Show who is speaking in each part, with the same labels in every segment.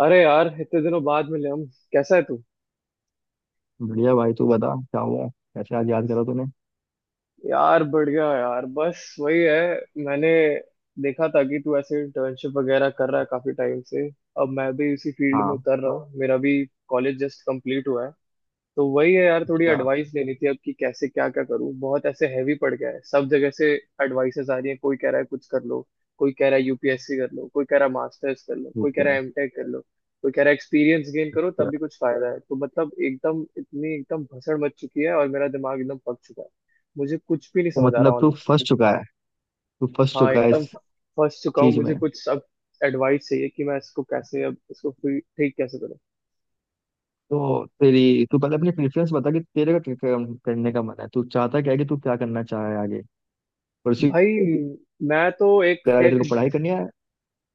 Speaker 1: अरे यार, इतने दिनों बाद मिले हम। कैसा है तू।
Speaker 2: बढ़िया भाई। तू बता क्या हुआ, कैसे आज याद करा तूने।
Speaker 1: यार बढ़िया यार, बस वही है। मैंने देखा था कि तू ऐसे इंटर्नशिप वगैरह कर रहा है काफी टाइम से। अब मैं भी इसी फील्ड में
Speaker 2: हाँ।
Speaker 1: उतर रहा हूँ, मेरा भी कॉलेज जस्ट कंप्लीट हुआ है। तो वही है यार, थोड़ी
Speaker 2: अच्छा।
Speaker 1: एडवाइस लेनी थी अब कि कैसे, क्या क्या करूं। बहुत ऐसे हैवी पड़ गया है, सब जगह से एडवाइसेस आ रही है। कोई कह रहा है कुछ कर लो, कोई कह रहा है यूपीएससी कर लो, कोई कह रहा है मास्टर्स कर लो, कोई
Speaker 2: ठीक
Speaker 1: कह रहा
Speaker 2: है।
Speaker 1: है एमटेक कर लो, कोई कह रहा है एक्सपीरियंस गेन करो तब
Speaker 2: तो
Speaker 1: भी कुछ फायदा है। तो मतलब एकदम, इतनी एकदम भसड़ मच चुकी है और मेरा दिमाग एकदम पक चुका है। मुझे कुछ भी नहीं
Speaker 2: तो
Speaker 1: समझ आ रहा
Speaker 2: मतलब
Speaker 1: ऑनलाइन।
Speaker 2: तू फंस
Speaker 1: हाँ,
Speaker 2: चुका है
Speaker 1: एकदम
Speaker 2: इस
Speaker 1: फंस चुका हूँ।
Speaker 2: चीज में।
Speaker 1: मुझे कुछ अब एडवाइस चाहिए कि मैं इसको कैसे, अब इसको फिर ठीक कैसे करूं।
Speaker 2: तो तेरी तू पहले अपनी प्रेफरेंस बता कि तेरे का करने का मन है, तू चाहता क्या है, कि तू क्या करना चाह रहा है आगे। परसों।
Speaker 1: भाई, मैं तो एक
Speaker 2: तेरे
Speaker 1: टेक।
Speaker 2: को पढ़ाई करनी है।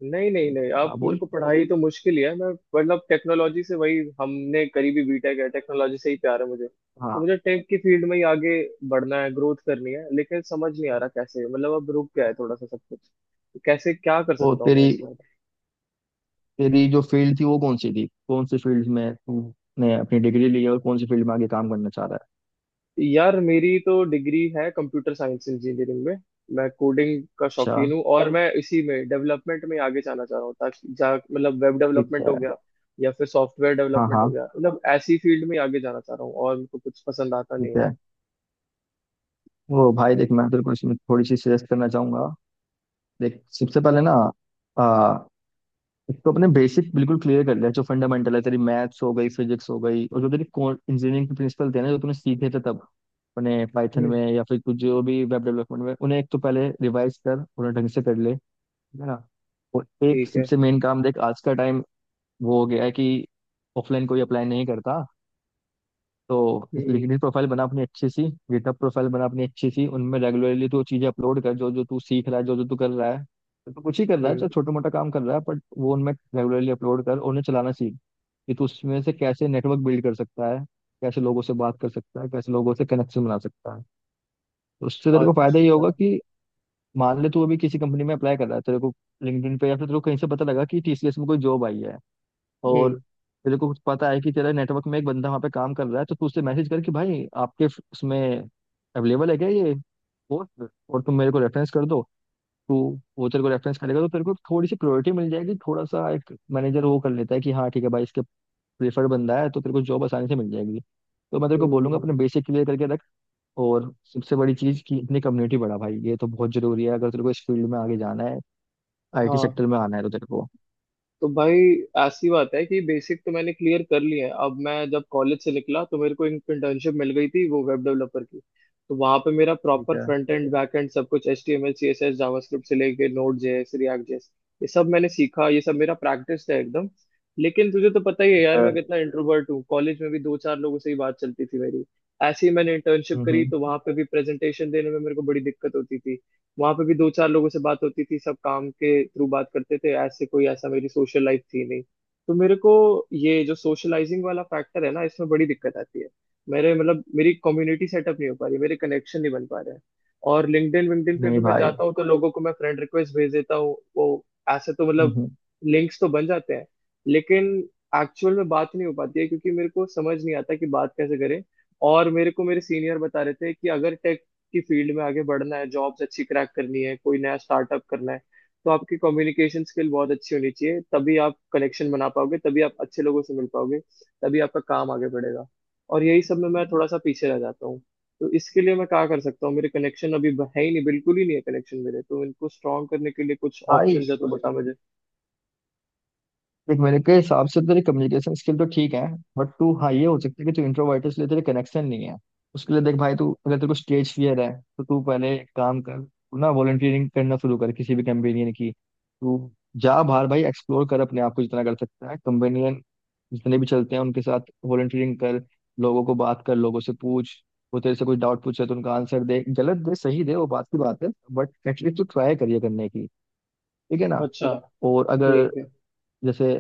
Speaker 1: नहीं नहीं नहीं,
Speaker 2: हाँ
Speaker 1: आप मेरे
Speaker 2: बोल।
Speaker 1: को पढ़ाई तो मुश्किल ही है। मैं मतलब टेक्नोलॉजी से, वही हमने करी भी बीटेक है, टेक्नोलॉजी से ही प्यार है मुझे। तो
Speaker 2: हाँ।
Speaker 1: मुझे टेक की फील्ड में ही आगे बढ़ना है, ग्रोथ करनी है। लेकिन समझ नहीं आ रहा कैसे। मतलब अब रुक गया है थोड़ा सा सब कुछ। तो कैसे क्या कर
Speaker 2: तो
Speaker 1: सकता हूँ मैं
Speaker 2: तेरी
Speaker 1: इसमें।
Speaker 2: तेरी जो फील्ड थी वो कौन सी थी, कौन सी फील्ड में तूने अपनी डिग्री ली है और कौन सी फील्ड में आगे काम करना चाह रहा है।
Speaker 1: यार मेरी तो डिग्री है कंप्यूटर साइंस इंजीनियरिंग में। मैं कोडिंग का
Speaker 2: अच्छा।
Speaker 1: शौकीन हूँ और मैं इसी में डेवलपमेंट में आगे जाना चाह रहा हूँ। ताकि जा मतलब वेब
Speaker 2: ठीक
Speaker 1: डेवलपमेंट हो
Speaker 2: है।
Speaker 1: गया या फिर सॉफ्टवेयर
Speaker 2: हाँ
Speaker 1: डेवलपमेंट
Speaker 2: हाँ,
Speaker 1: हो गया, मतलब ऐसी फील्ड में आगे जाना चाह रहा हूँ, और मुझको कुछ पसंद आता नहीं
Speaker 2: ठीक
Speaker 1: है।
Speaker 2: है। ओ भाई देख, मैं तेरे को इसमें थोड़ी सी सजेस्ट करना चाहूंगा। देख सबसे पहले ना आ, एक तो अपने बेसिक बिल्कुल क्लियर कर लिया जो फंडामेंटल है, तेरी मैथ्स हो गई, फिजिक्स हो गई, और जो तेरी इंजीनियरिंग के प्रिंसिपल थे ना जो तूने सीखे थे तब, अपने पाइथन
Speaker 1: हम्म।
Speaker 2: में या फिर कुछ जो भी वेब डेवलपमेंट में, उन्हें एक तो पहले रिवाइज कर, उन्हें ढंग से कर ले। है ना। और एक
Speaker 1: ठीक है।
Speaker 2: सबसे मेन काम देख, आज का टाइम वो हो गया है कि ऑफलाइन कोई अप्लाई नहीं करता, तो
Speaker 1: हम्म
Speaker 2: लिंक्डइन प्रोफाइल बना अपनी अच्छी सी, गिटहब प्रोफाइल बना अपनी अच्छी सी, उनमें रेगुलरली तू चीजें अपलोड कर, जो जो तू सीख रहा है, जो जो तू कर रहा है, तो तू कुछ ही कर रहा है,
Speaker 1: हम्म।
Speaker 2: चाहे छोटा मोटा काम कर रहा है, बट वो उनमें रेगुलरली अपलोड कर, और उन्हें चलाना सीख कि तू उसमें से कैसे नेटवर्क बिल्ड कर सकता है, कैसे लोगों से बात कर सकता है, कैसे लोगों से कनेक्शन बना सकता है। तो उससे तेरे को फायदा ये
Speaker 1: अच्छा।
Speaker 2: होगा कि मान ले तू अभी किसी कंपनी में अप्लाई कर रहा है, तेरे को लिंक्डइन पे, या फिर तेरे को कहीं से पता लगा कि टीसीएस में कोई जॉब आई है, और
Speaker 1: हम्म
Speaker 2: तेरे को कुछ पता है कि तेरा नेटवर्क में एक बंदा वहाँ पे काम कर रहा है, तो तू उससे मैसेज कर कि भाई उसमें अवेलेबल है क्या ये पोस्ट, और तुम मेरे को रेफरेंस कर दो। तू, वो तेरे को रेफरेंस करेगा तो तेरे को थोड़ी सी प्रायोरिटी मिल जाएगी, थोड़ा सा एक मैनेजर वो कर लेता है कि हाँ ठीक है भाई, इसके प्रेफर्ड बंदा है, तो तेरे को जॉब आसानी से मिल जाएगी। तो मैं तेरे को बोलूंगा
Speaker 1: हम्म।
Speaker 2: अपने बेसिक क्लियर करके रख, और सबसे बड़ी चीज़ कि अपनी कम्युनिटी बढ़ा भाई, ये तो बहुत जरूरी है। अगर तेरे को इस फील्ड में आगे जाना है, आईटी
Speaker 1: हाँ।
Speaker 2: सेक्टर में आना है, तो तेरे को
Speaker 1: तो भाई, ऐसी बात है कि बेसिक तो मैंने क्लियर कर लिए हैं। अब मैं जब कॉलेज से निकला तो मेरे को इंटर्नशिप मिल गई थी वो वेब डेवलपर की। तो वहां पे मेरा
Speaker 2: ठीक
Speaker 1: प्रॉपर
Speaker 2: है
Speaker 1: फ्रंट एंड बैक एंड सब कुछ, HTML, CSS, जावास्क्रिप्ट से लेके नोड JS, रिएक्ट JS, ये सब मैंने सीखा, ये सब मेरा प्रैक्टिस है एकदम। लेकिन तुझे तो पता ही है यार, मैं
Speaker 2: खैर।
Speaker 1: कितना इंट्रोवर्ट हूँ। कॉलेज में भी दो चार लोगों से ही बात चलती थी मेरी। ऐसे ही मैंने इंटर्नशिप
Speaker 2: हम्म
Speaker 1: करी
Speaker 2: हम्म,
Speaker 1: तो वहां पे भी प्रेजेंटेशन देने में मेरे को बड़ी दिक्कत होती थी। वहां पे भी दो चार लोगों से बात होती थी, सब काम के थ्रू बात करते थे। ऐसे कोई, ऐसा मेरी सोशल लाइफ थी नहीं। तो मेरे को ये जो सोशलाइजिंग वाला फैक्टर है ना, इसमें बड़ी दिक्कत आती है। मेरे मतलब मेरी कम्युनिटी सेटअप नहीं हो पा रही, मेरे कनेक्शन नहीं बन पा रहे हैं। और लिंक्डइन विंक्डइन पे भी
Speaker 2: नहीं
Speaker 1: मैं
Speaker 2: भाई।
Speaker 1: जाता हूँ तो लोगों को मैं फ्रेंड रिक्वेस्ट भेज देता हूँ। वो ऐसे तो
Speaker 2: हम्म
Speaker 1: मतलब
Speaker 2: हम्म
Speaker 1: लिंक्स तो बन जाते हैं, लेकिन एक्चुअल में बात नहीं हो पाती है, क्योंकि मेरे को समझ नहीं आता कि बात कैसे करें। और मेरे को मेरे सीनियर बता रहे थे कि अगर की फील्ड में आगे बढ़ना है, जॉब्स अच्छी क्रैक करनी है, कोई नया स्टार्टअप करना है, तो आपकी कम्युनिकेशन स्किल बहुत अच्छी होनी चाहिए, तभी आप कनेक्शन बना पाओगे, तभी आप अच्छे लोगों से मिल पाओगे, तभी आपका काम आगे बढ़ेगा। और यही सब में मैं थोड़ा सा पीछे रह जाता हूँ। तो इसके लिए मैं क्या कर सकता हूँ, मेरे कनेक्शन अभी ब- है ही नहीं, बिल्कुल ही नहीं है कनेक्शन मेरे। तो इनको स्ट्रॉन्ग करने के लिए कुछ
Speaker 2: भाई
Speaker 1: ऑप्शन है तो बता मुझे।
Speaker 2: देख, मेरे के हिसाब से तेरी कम्युनिकेशन स्किल तो ठीक है, बट तू हाँ, ये हो सकता है कि तू इंट्रोवर्ट है इसलिए तेरे कनेक्शन नहीं है। उसके लिए देख भाई, तू अगर तेरे को स्टेज फियर है तो तू पहले एक काम कर, तू ना वॉलंटियरिंग करना शुरू कर किसी भी कंपेनियन की। तू जा बाहर भाई, एक्सप्लोर कर अपने आप को जितना कर सकता है। कंपेनियन जितने भी चलते हैं उनके साथ वॉलंटियरिंग कर, लोगों को बात कर, लोगों से पूछ। वो तेरे से कुछ डाउट पूछे तो उनका आंसर दे, गलत दे सही दे, वो बात की बात है, बट एटलीस्ट तू ट्राई करिए करने की। ठीक है ना।
Speaker 1: अच्छा।
Speaker 2: और अगर
Speaker 1: ठीक है।
Speaker 2: जैसे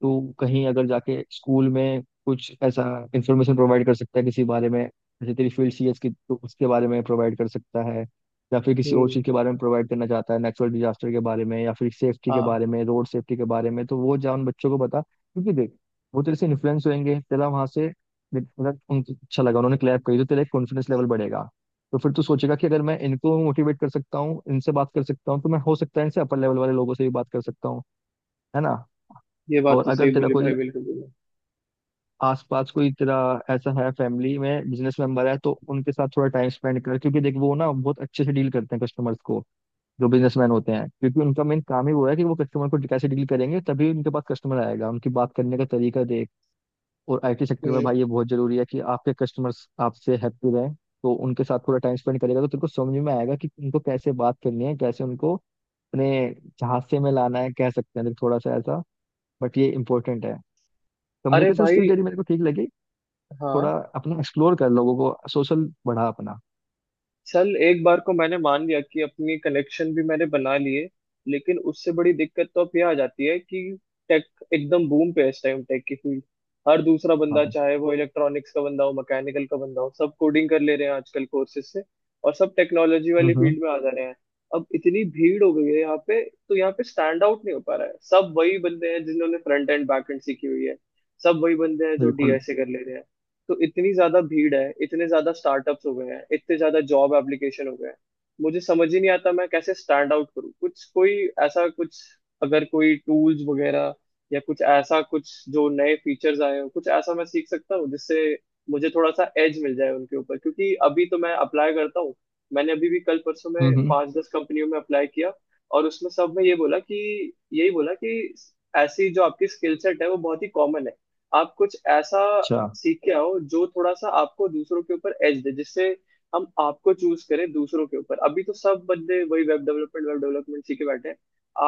Speaker 2: तू कहीं अगर जाके स्कूल में कुछ ऐसा इंफॉर्मेशन प्रोवाइड कर सकता है किसी बारे में, जैसे तेरी फील्ड सीएस की, तो उसके बारे में प्रोवाइड कर सकता है, या फिर किसी और
Speaker 1: हम्म।
Speaker 2: चीज़ के बारे में प्रोवाइड करना चाहता है, नेचुरल डिजास्टर के बारे में, या फिर सेफ्टी के
Speaker 1: हाँ
Speaker 2: बारे में, रोड सेफ्टी के बारे में, तो वो जा उन बच्चों को बता, क्योंकि देख वो तेरे से इन्फ्लुएंस होंगे, तेरा वहां से मतलब उनको अच्छा लगा, उन्होंने क्लैप करी, तो तेरा एक कॉन्फिडेंस लेवल बढ़ेगा। तो फिर तू सोचेगा कि अगर मैं इनको मोटिवेट कर सकता हूँ, इनसे बात कर सकता हूँ, तो मैं हो सकता है इनसे अपर लेवल वाले लोगों से भी बात कर सकता हूँ। है ना।
Speaker 1: ये बात
Speaker 2: और
Speaker 1: तो सही
Speaker 2: अगर तेरा
Speaker 1: बोली भाई,
Speaker 2: कोई
Speaker 1: बिल्कुल बोली।
Speaker 2: आसपास कोई तेरा ऐसा है, फैमिली में बिजनेस मेंबर है, तो उनके साथ थोड़ा टाइम स्पेंड कर, क्योंकि देख वो ना बहुत अच्छे से डील करते हैं कस्टमर्स को, जो बिजनेसमैन होते हैं, क्योंकि उनका मेन काम ही वो है कि वो कस्टमर को कैसे डील करेंगे तभी उनके पास कस्टमर आएगा, उनकी बात करने का तरीका देख। और आईटी सेक्टर में
Speaker 1: हम्म।
Speaker 2: भाई ये बहुत जरूरी है कि आपके कस्टमर्स आपसे हैप्पी रहें। तो उनके साथ थोड़ा टाइम स्पेंड करेगा तो तेरे को समझ में आएगा कि उनको कैसे बात करनी है, कैसे उनको अपने झांसे में लाना है, कह सकते हैं देख थोड़ा सा ऐसा, बट ये इंपॉर्टेंट है।
Speaker 1: अरे
Speaker 2: कम्युनिकेशन स्किल
Speaker 1: भाई।
Speaker 2: तेरी मेरे को ठीक लगी,
Speaker 1: हाँ।
Speaker 2: थोड़ा अपना एक्सप्लोर कर, लोगों को सोशल बढ़ा अपना।
Speaker 1: चल, एक बार को मैंने मान लिया कि अपनी कलेक्शन भी मैंने बना लिए। लेकिन उससे बड़ी दिक्कत तो अब ये आ जाती है कि टेक एकदम बूम पे है इस टाइम, टेक की फील्ड। हर दूसरा बंदा,
Speaker 2: हाँ।
Speaker 1: चाहे वो इलेक्ट्रॉनिक्स का बंदा हो मैकेनिकल का बंदा हो, सब कोडिंग कर ले रहे हैं आजकल कोर्सेज से, और सब टेक्नोलॉजी वाली
Speaker 2: हम्म।
Speaker 1: फील्ड में आ जा रहे हैं। अब इतनी भीड़ हो गई है यहाँ पे, तो यहाँ पे स्टैंड आउट नहीं हो पा रहा है। सब वही बंदे हैं जिन्होंने फ्रंट एंड बैक एंड सीखी हुई है, सब वही बंदे हैं जो
Speaker 2: बिल्कुल।
Speaker 1: डीएसए कर ले रहे हैं। तो इतनी ज्यादा भीड़ है, इतने ज्यादा स्टार्टअप्स हो गए हैं, इतने ज्यादा जॉब एप्लीकेशन हो गए हैं। मुझे समझ ही नहीं आता मैं कैसे स्टैंड आउट करूँ, कुछ कोई ऐसा कुछ, अगर कोई टूल्स वगैरह या कुछ ऐसा कुछ जो नए फीचर्स आए हो, कुछ ऐसा मैं सीख सकता हूँ जिससे मुझे थोड़ा सा एज मिल जाए उनके ऊपर। क्योंकि अभी तो मैं अप्लाई करता हूँ, मैंने अभी भी कल परसों में
Speaker 2: हम्म।
Speaker 1: पांच दस कंपनियों में अप्लाई किया, और उसमें सब में ये बोला कि, यही बोला कि ऐसी जो आपकी स्किल सेट है वो बहुत ही कॉमन है, आप कुछ ऐसा
Speaker 2: अच्छा।
Speaker 1: सीख के आओ जो थोड़ा सा आपको दूसरों के ऊपर एज दे, जिससे हम आपको चूज करें दूसरों के ऊपर। अभी तो सब बंदे वही वेब डेवलपमेंट सीखे बैठे हैं,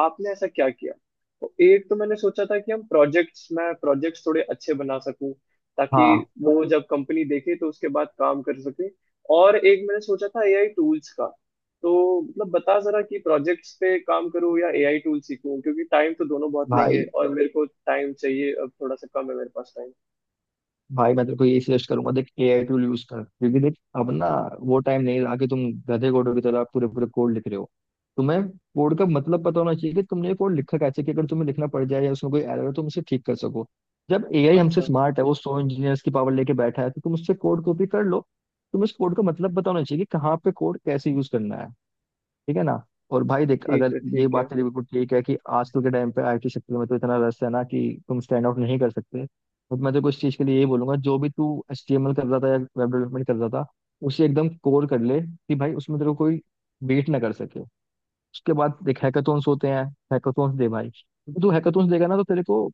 Speaker 1: आपने ऐसा क्या किया। तो एक तो मैंने सोचा था कि हम प्रोजेक्ट्स मैं प्रोजेक्ट्स थोड़े अच्छे बना सकूं, ताकि
Speaker 2: हाँ।
Speaker 1: वो जब कंपनी देखे तो उसके बाद काम कर सके। और एक मैंने सोचा था एआई टूल्स का। तो मतलब बता जरा कि प्रोजेक्ट्स पे काम करूं या एआई टूल सीखूं, क्योंकि टाइम तो दोनों बहुत लेंगे,
Speaker 2: भाई
Speaker 1: और मेरे को टाइम चाहिए अब थोड़ा सा, कम है मेरे पास टाइम।
Speaker 2: भाई मैं तेरे को यही सजेस्ट करूंगा, देख एआई टूल यूज कर, क्योंकि देख अब ना वो टाइम नहीं रहा कि तुम गधे कोडों की तरह पूरे पूरे कोड लिख रहे हो, तुम्हें कोड का मतलब पता होना चाहिए कि तुमने ये कोड लिखा कैसे, कि अगर तुम्हें लिखना पड़ जाए या उसमें कोई एरर हो तुम उसे ठीक कर सको। जब एआई हमसे
Speaker 1: अच्छा।
Speaker 2: स्मार्ट है, वो सौ इंजीनियर्स की पावर लेके बैठा है, तो तुम उससे कोड कॉपी कर लो, तुम्हें उस कोड का मतलब पता होना चाहिए कि कहाँ पे कोड कैसे यूज करना है। ठीक है ना। और भाई देख,
Speaker 1: ठीक
Speaker 2: अगर
Speaker 1: है।
Speaker 2: ये
Speaker 1: ठीक है।
Speaker 2: बात तेरी बिल्कुल ठीक है कि आजकल के टाइम पे आईटी सेक्टर में तो इतना रस है ना, कि तुम स्टैंड आउट नहीं कर सकते, बट मैं तो कुछ चीज के लिए ये बोलूंगा, जो भी तू एचटीएमएल कर रहा था या वेब डेवलपमेंट कर रहा था, उसे एकदम कोर कर ले कि भाई उसमें तेरे को कोई बीट ना कर सके। उसके बाद देख हैकाथॉन्स होते हैं, हैकाथॉन्स दे भाई, क्योंकि तू हैकाथॉन्स देगा ना, तो तेरे को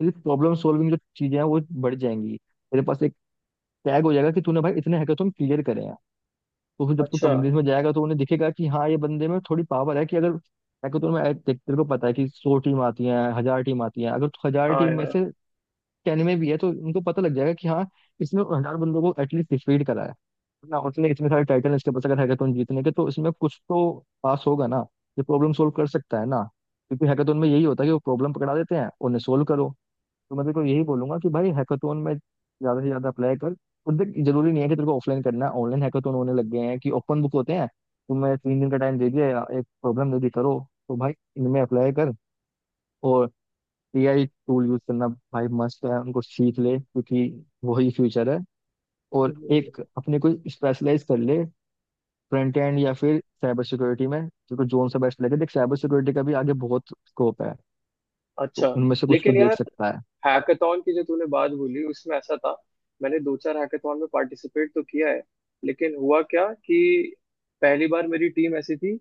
Speaker 2: तेरी प्रॉब्लम सॉल्विंग जो चीजें हैं वो बढ़ जाएंगी, तेरे पास एक टैग हो जाएगा कि तूने भाई इतने हैकाथॉन क्लियर करे हैं। तो फिर जब तू
Speaker 1: अच्छा।
Speaker 2: कंपनीज में जाएगा तो उन्हें दिखेगा कि हाँ ये बंदे में थोड़ी पावर है कि अगर हैकाथॉन में देख, तेरे को पता है कि सौ टीम आती हैं, हजार टीम आती हैं, अगर तो हजार
Speaker 1: हाँ
Speaker 2: टीम में
Speaker 1: यार।
Speaker 2: से टेन में भी है तो उनको पता लग जाएगा कि हाँ, इसने हजार बंदों को एटलीस्ट डिफीट करा है ना, उसने इतने सारे टाइटल इसके पास अगर हैकाथॉन जीतने के, तो इसमें कुछ तो पास होगा ना, ये प्रॉब्लम सोल्व कर सकता है ना, क्योंकि हैकाथॉन में यही होता है कि वो प्रॉब्लम पकड़ा देते हैं, उन्हें सोल्व करो। तो मैं तेरे को यही बोलूंगा कि भाई हैकाथॉन में ज्यादा से ज्यादा अप्लाई कर। और देख जरूरी नहीं है कि तेरे को ऑफलाइन करना है, ऑनलाइन हैकाथॉन होने लग गए हैं कि ओपन बुक होते हैं, तुम्हें तीन दिन का टाइम दे दिया, एक प्रॉब्लम दे दी करो। तो भाई इनमें अप्लाई कर, और एआई टूल यूज करना भाई मस्त है, उनको सीख ले, क्योंकि वही फ्यूचर है। और
Speaker 1: हम्म।
Speaker 2: एक अपने को स्पेशलाइज कर ले, फ्रंट एंड या फिर साइबर सिक्योरिटी में, तेरे जोन सा बेस्ट लगे। देख साइबर सिक्योरिटी का भी आगे बहुत स्कोप है, तो
Speaker 1: अच्छा।
Speaker 2: उनमें से कुछ तू
Speaker 1: लेकिन
Speaker 2: देख
Speaker 1: यार
Speaker 2: सकता है।
Speaker 1: हैकाथॉन की जो तूने बात बोली, उसमें ऐसा था, मैंने दो चार हैकाथॉन में पार्टिसिपेट तो किया है। लेकिन हुआ क्या कि पहली बार मेरी टीम ऐसी थी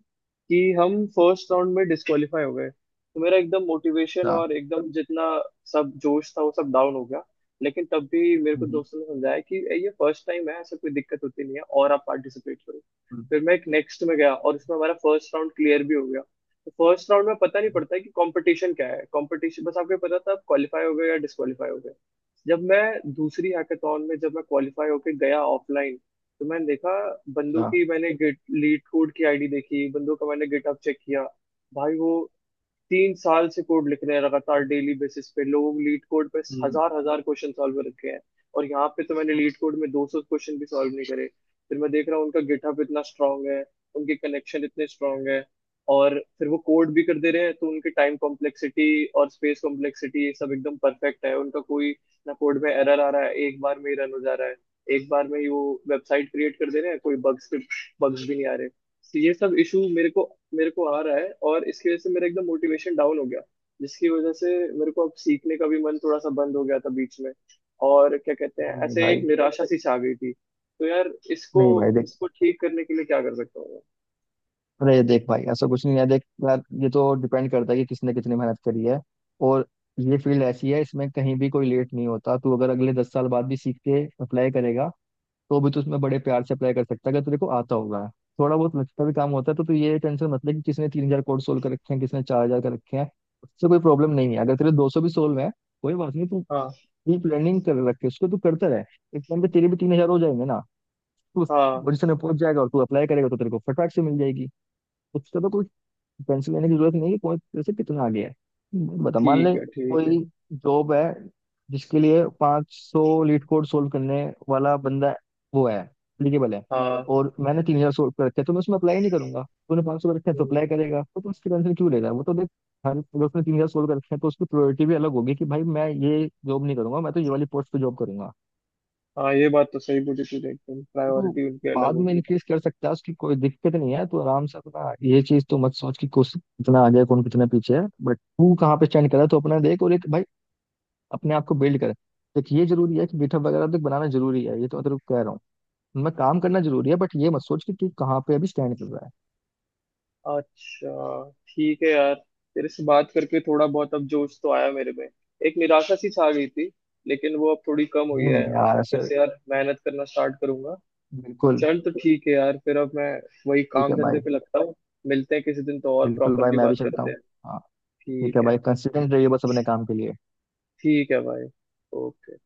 Speaker 1: कि हम फर्स्ट राउंड में डिस्क्वालीफाई हो गए, तो मेरा एकदम मोटिवेशन
Speaker 2: अच्छा।
Speaker 1: और एकदम जितना सब जोश था वो सब डाउन हो गया। लेकिन तब भी मेरे को
Speaker 2: हम्म,
Speaker 1: दोस्तों ने समझाया कि ये फर्स्ट टाइम है, ऐसा कोई दिक्कत होती नहीं है, और आप पार्टिसिपेट करो।
Speaker 2: हम्म,
Speaker 1: फिर मैं एक नेक्स्ट में गया और उसमें हमारा फर्स्ट राउंड क्लियर भी हो गया। तो फर्स्ट राउंड में पता नहीं पड़ता है कि कंपटीशन क्या है, कंपटीशन बस आपको पता था आप क्वालिफाई हो गए या डिस्क्वालीफाई हो गए। जब मैं दूसरी हैकाथॉन में जब मैं क्वालिफाई होके गया ऑफलाइन, तो मैंने देखा, बंदों की मैंने गिट लीड कोड की आईडी देखी, बंदों का मैंने गिटहब चेक किया। भाई, वो 3 साल से कोड लिख रहे हैं लगातार, डेली बेसिस पे लोग लीड कोड पे
Speaker 2: अच्छा।
Speaker 1: हजार हजार क्वेश्चन सॉल्व रखे हैं। और यहाँ पे तो मैंने लीड कोड में 200 क्वेश्चन भी सॉल्व नहीं करे। फिर मैं देख रहा हूँ उनका गिटहब इतना स्ट्रांग है, उनके कनेक्शन इतने स्ट्रांग है, और फिर वो कोड भी कर दे रहे हैं, तो उनके टाइम कॉम्प्लेक्सिटी और स्पेस कॉम्प्लेक्सिटी, ये सब एकदम परफेक्ट है उनका। कोई ना कोड में एरर आ रहा है, एक बार में ही रन हो जा रहा है, एक बार में ही वो वेबसाइट क्रिएट कर दे रहे हैं, कोई बग्स बग्स भी नहीं आ रहे। तो ये सब इशू मेरे को आ रहा है, और इसकी वजह से मेरा एकदम मोटिवेशन डाउन हो गया, जिसकी वजह से मेरे को अब सीखने का भी मन थोड़ा सा बंद हो गया था बीच में। और क्या कहते हैं,
Speaker 2: नहीं नहीं
Speaker 1: ऐसे एक
Speaker 2: भाई।
Speaker 1: निराशा सी छा गई थी। तो यार इसको
Speaker 2: नहीं भाई देख,
Speaker 1: इसको ठीक करने के लिए क्या कर सकता हूँ मैं?
Speaker 2: अरे देख भाई, ऐसा कुछ नहीं है, देख यार ये तो डिपेंड करता है कि किसने कितनी मेहनत करी है। और ये फील्ड ऐसी है, इसमें कहीं भी कोई लेट नहीं होता, तू अगर अगले दस साल बाद भी सीख के अप्लाई करेगा, तो भी तू उसमें बड़े प्यार से अप्लाई कर सकता है अगर तेरे को आता होगा थोड़ा बहुत, लगता भी काम होता है। तो तू ये टेंशन मत ले कि किसने तीन हजार कोड सोल्व कर रखे हैं, किसने चार हजार कर रखे हैं, उससे कोई प्रॉब्लम नहीं है। अगर तेरे दो सौ भी सोल्व है, कोई बात नहीं, तू
Speaker 1: हाँ
Speaker 2: डीप लर्निंग कर रखे उसको, तू करता रहे, एक टाइम पे तेरे भी तीन हजार हो जाएंगे ना। तू
Speaker 1: हाँ।
Speaker 2: पोजीशन में पहुंच जाएगा, और तू अप्लाई करेगा तो तेरे को फटाक से मिल जाएगी। उसका तो कोई टेंशन लेने की जरूरत नहीं है, पॉइंट तेरे से कितना आगे है। बता मान
Speaker 1: ठीक
Speaker 2: ले,
Speaker 1: है, ठीक है।
Speaker 2: कोई जॉब है जिसके लिए 500 लीट कोड सोल्व करने वाला बंदा वो है, एलिजिबल है,
Speaker 1: हाँ।
Speaker 2: और मैंने तीन हजार सोल्व कर रखे हैं, तो मैं उसमें अप्लाई नहीं करूंगा। तूने 500 सौ कर रखे हैं तो अप्लाई
Speaker 1: हम्म।
Speaker 2: करेगा, तो तू उसकी टेंशन क्यों ले रहा है, वो तो देख, हर अगर उसने तीन हजार सोल्व कर रखे हैं तो उसकी प्रायोरिटी भी अलग होगी कि भाई मैं ये जॉब नहीं करूंगा, मैं तो ये वाली पोस्ट पे जॉब करूंगा।
Speaker 1: हाँ ये बात तो सही बोली तूने, एकदम
Speaker 2: तो
Speaker 1: प्रायोरिटी उनकी अलग
Speaker 2: बाद में
Speaker 1: होगी।
Speaker 2: इंक्रीज कर सकता है, उसकी कोई दिक्कत नहीं है, तो आराम से अपना ये चीज तो मत सोच कि कोशिश कितना आगे है, कौन कितना पीछे है, बट तू कहाँ पे स्टैंड कर रहा है तो अपना देख। और एक भाई अपने आप को बिल्ड कर, देख ये जरूरी है कि गिटहब वगैरह तक बनाना जरूरी है, ये तो मैं तेरे को कह रहा हूँ, उनमें काम करना जरूरी है, बट ये मत सोच कि तू कहाँ पे अभी स्टैंड कर रहा है।
Speaker 1: अच्छा, ठीक है यार। तेरे से बात करके थोड़ा बहुत अब जोश तो आया मेरे में। एक निराशा सी छा गई थी, लेकिन वो अब थोड़ी कम हुई
Speaker 2: नहीं
Speaker 1: है।
Speaker 2: नहीं
Speaker 1: अब
Speaker 2: यार
Speaker 1: मैं फिर
Speaker 2: ऐसे।
Speaker 1: से यार मेहनत करना स्टार्ट करूंगा।
Speaker 2: बिल्कुल।
Speaker 1: चल, तो ठीक है यार, फिर अब मैं वही
Speaker 2: ठीक
Speaker 1: काम
Speaker 2: है
Speaker 1: धंधे
Speaker 2: भाई।
Speaker 1: पे लगता हूँ। मिलते हैं किसी दिन तो, और
Speaker 2: बिल्कुल भाई
Speaker 1: प्रॉपरली
Speaker 2: मैं
Speaker 1: बात
Speaker 2: भी चलता
Speaker 1: करते
Speaker 2: हूँ।
Speaker 1: हैं।
Speaker 2: हाँ। ठीक
Speaker 1: ठीक
Speaker 2: है
Speaker 1: है।
Speaker 2: भाई, कंसिस्टेंट रहिए बस अपने काम के लिए।
Speaker 1: ठीक है भाई, ओके।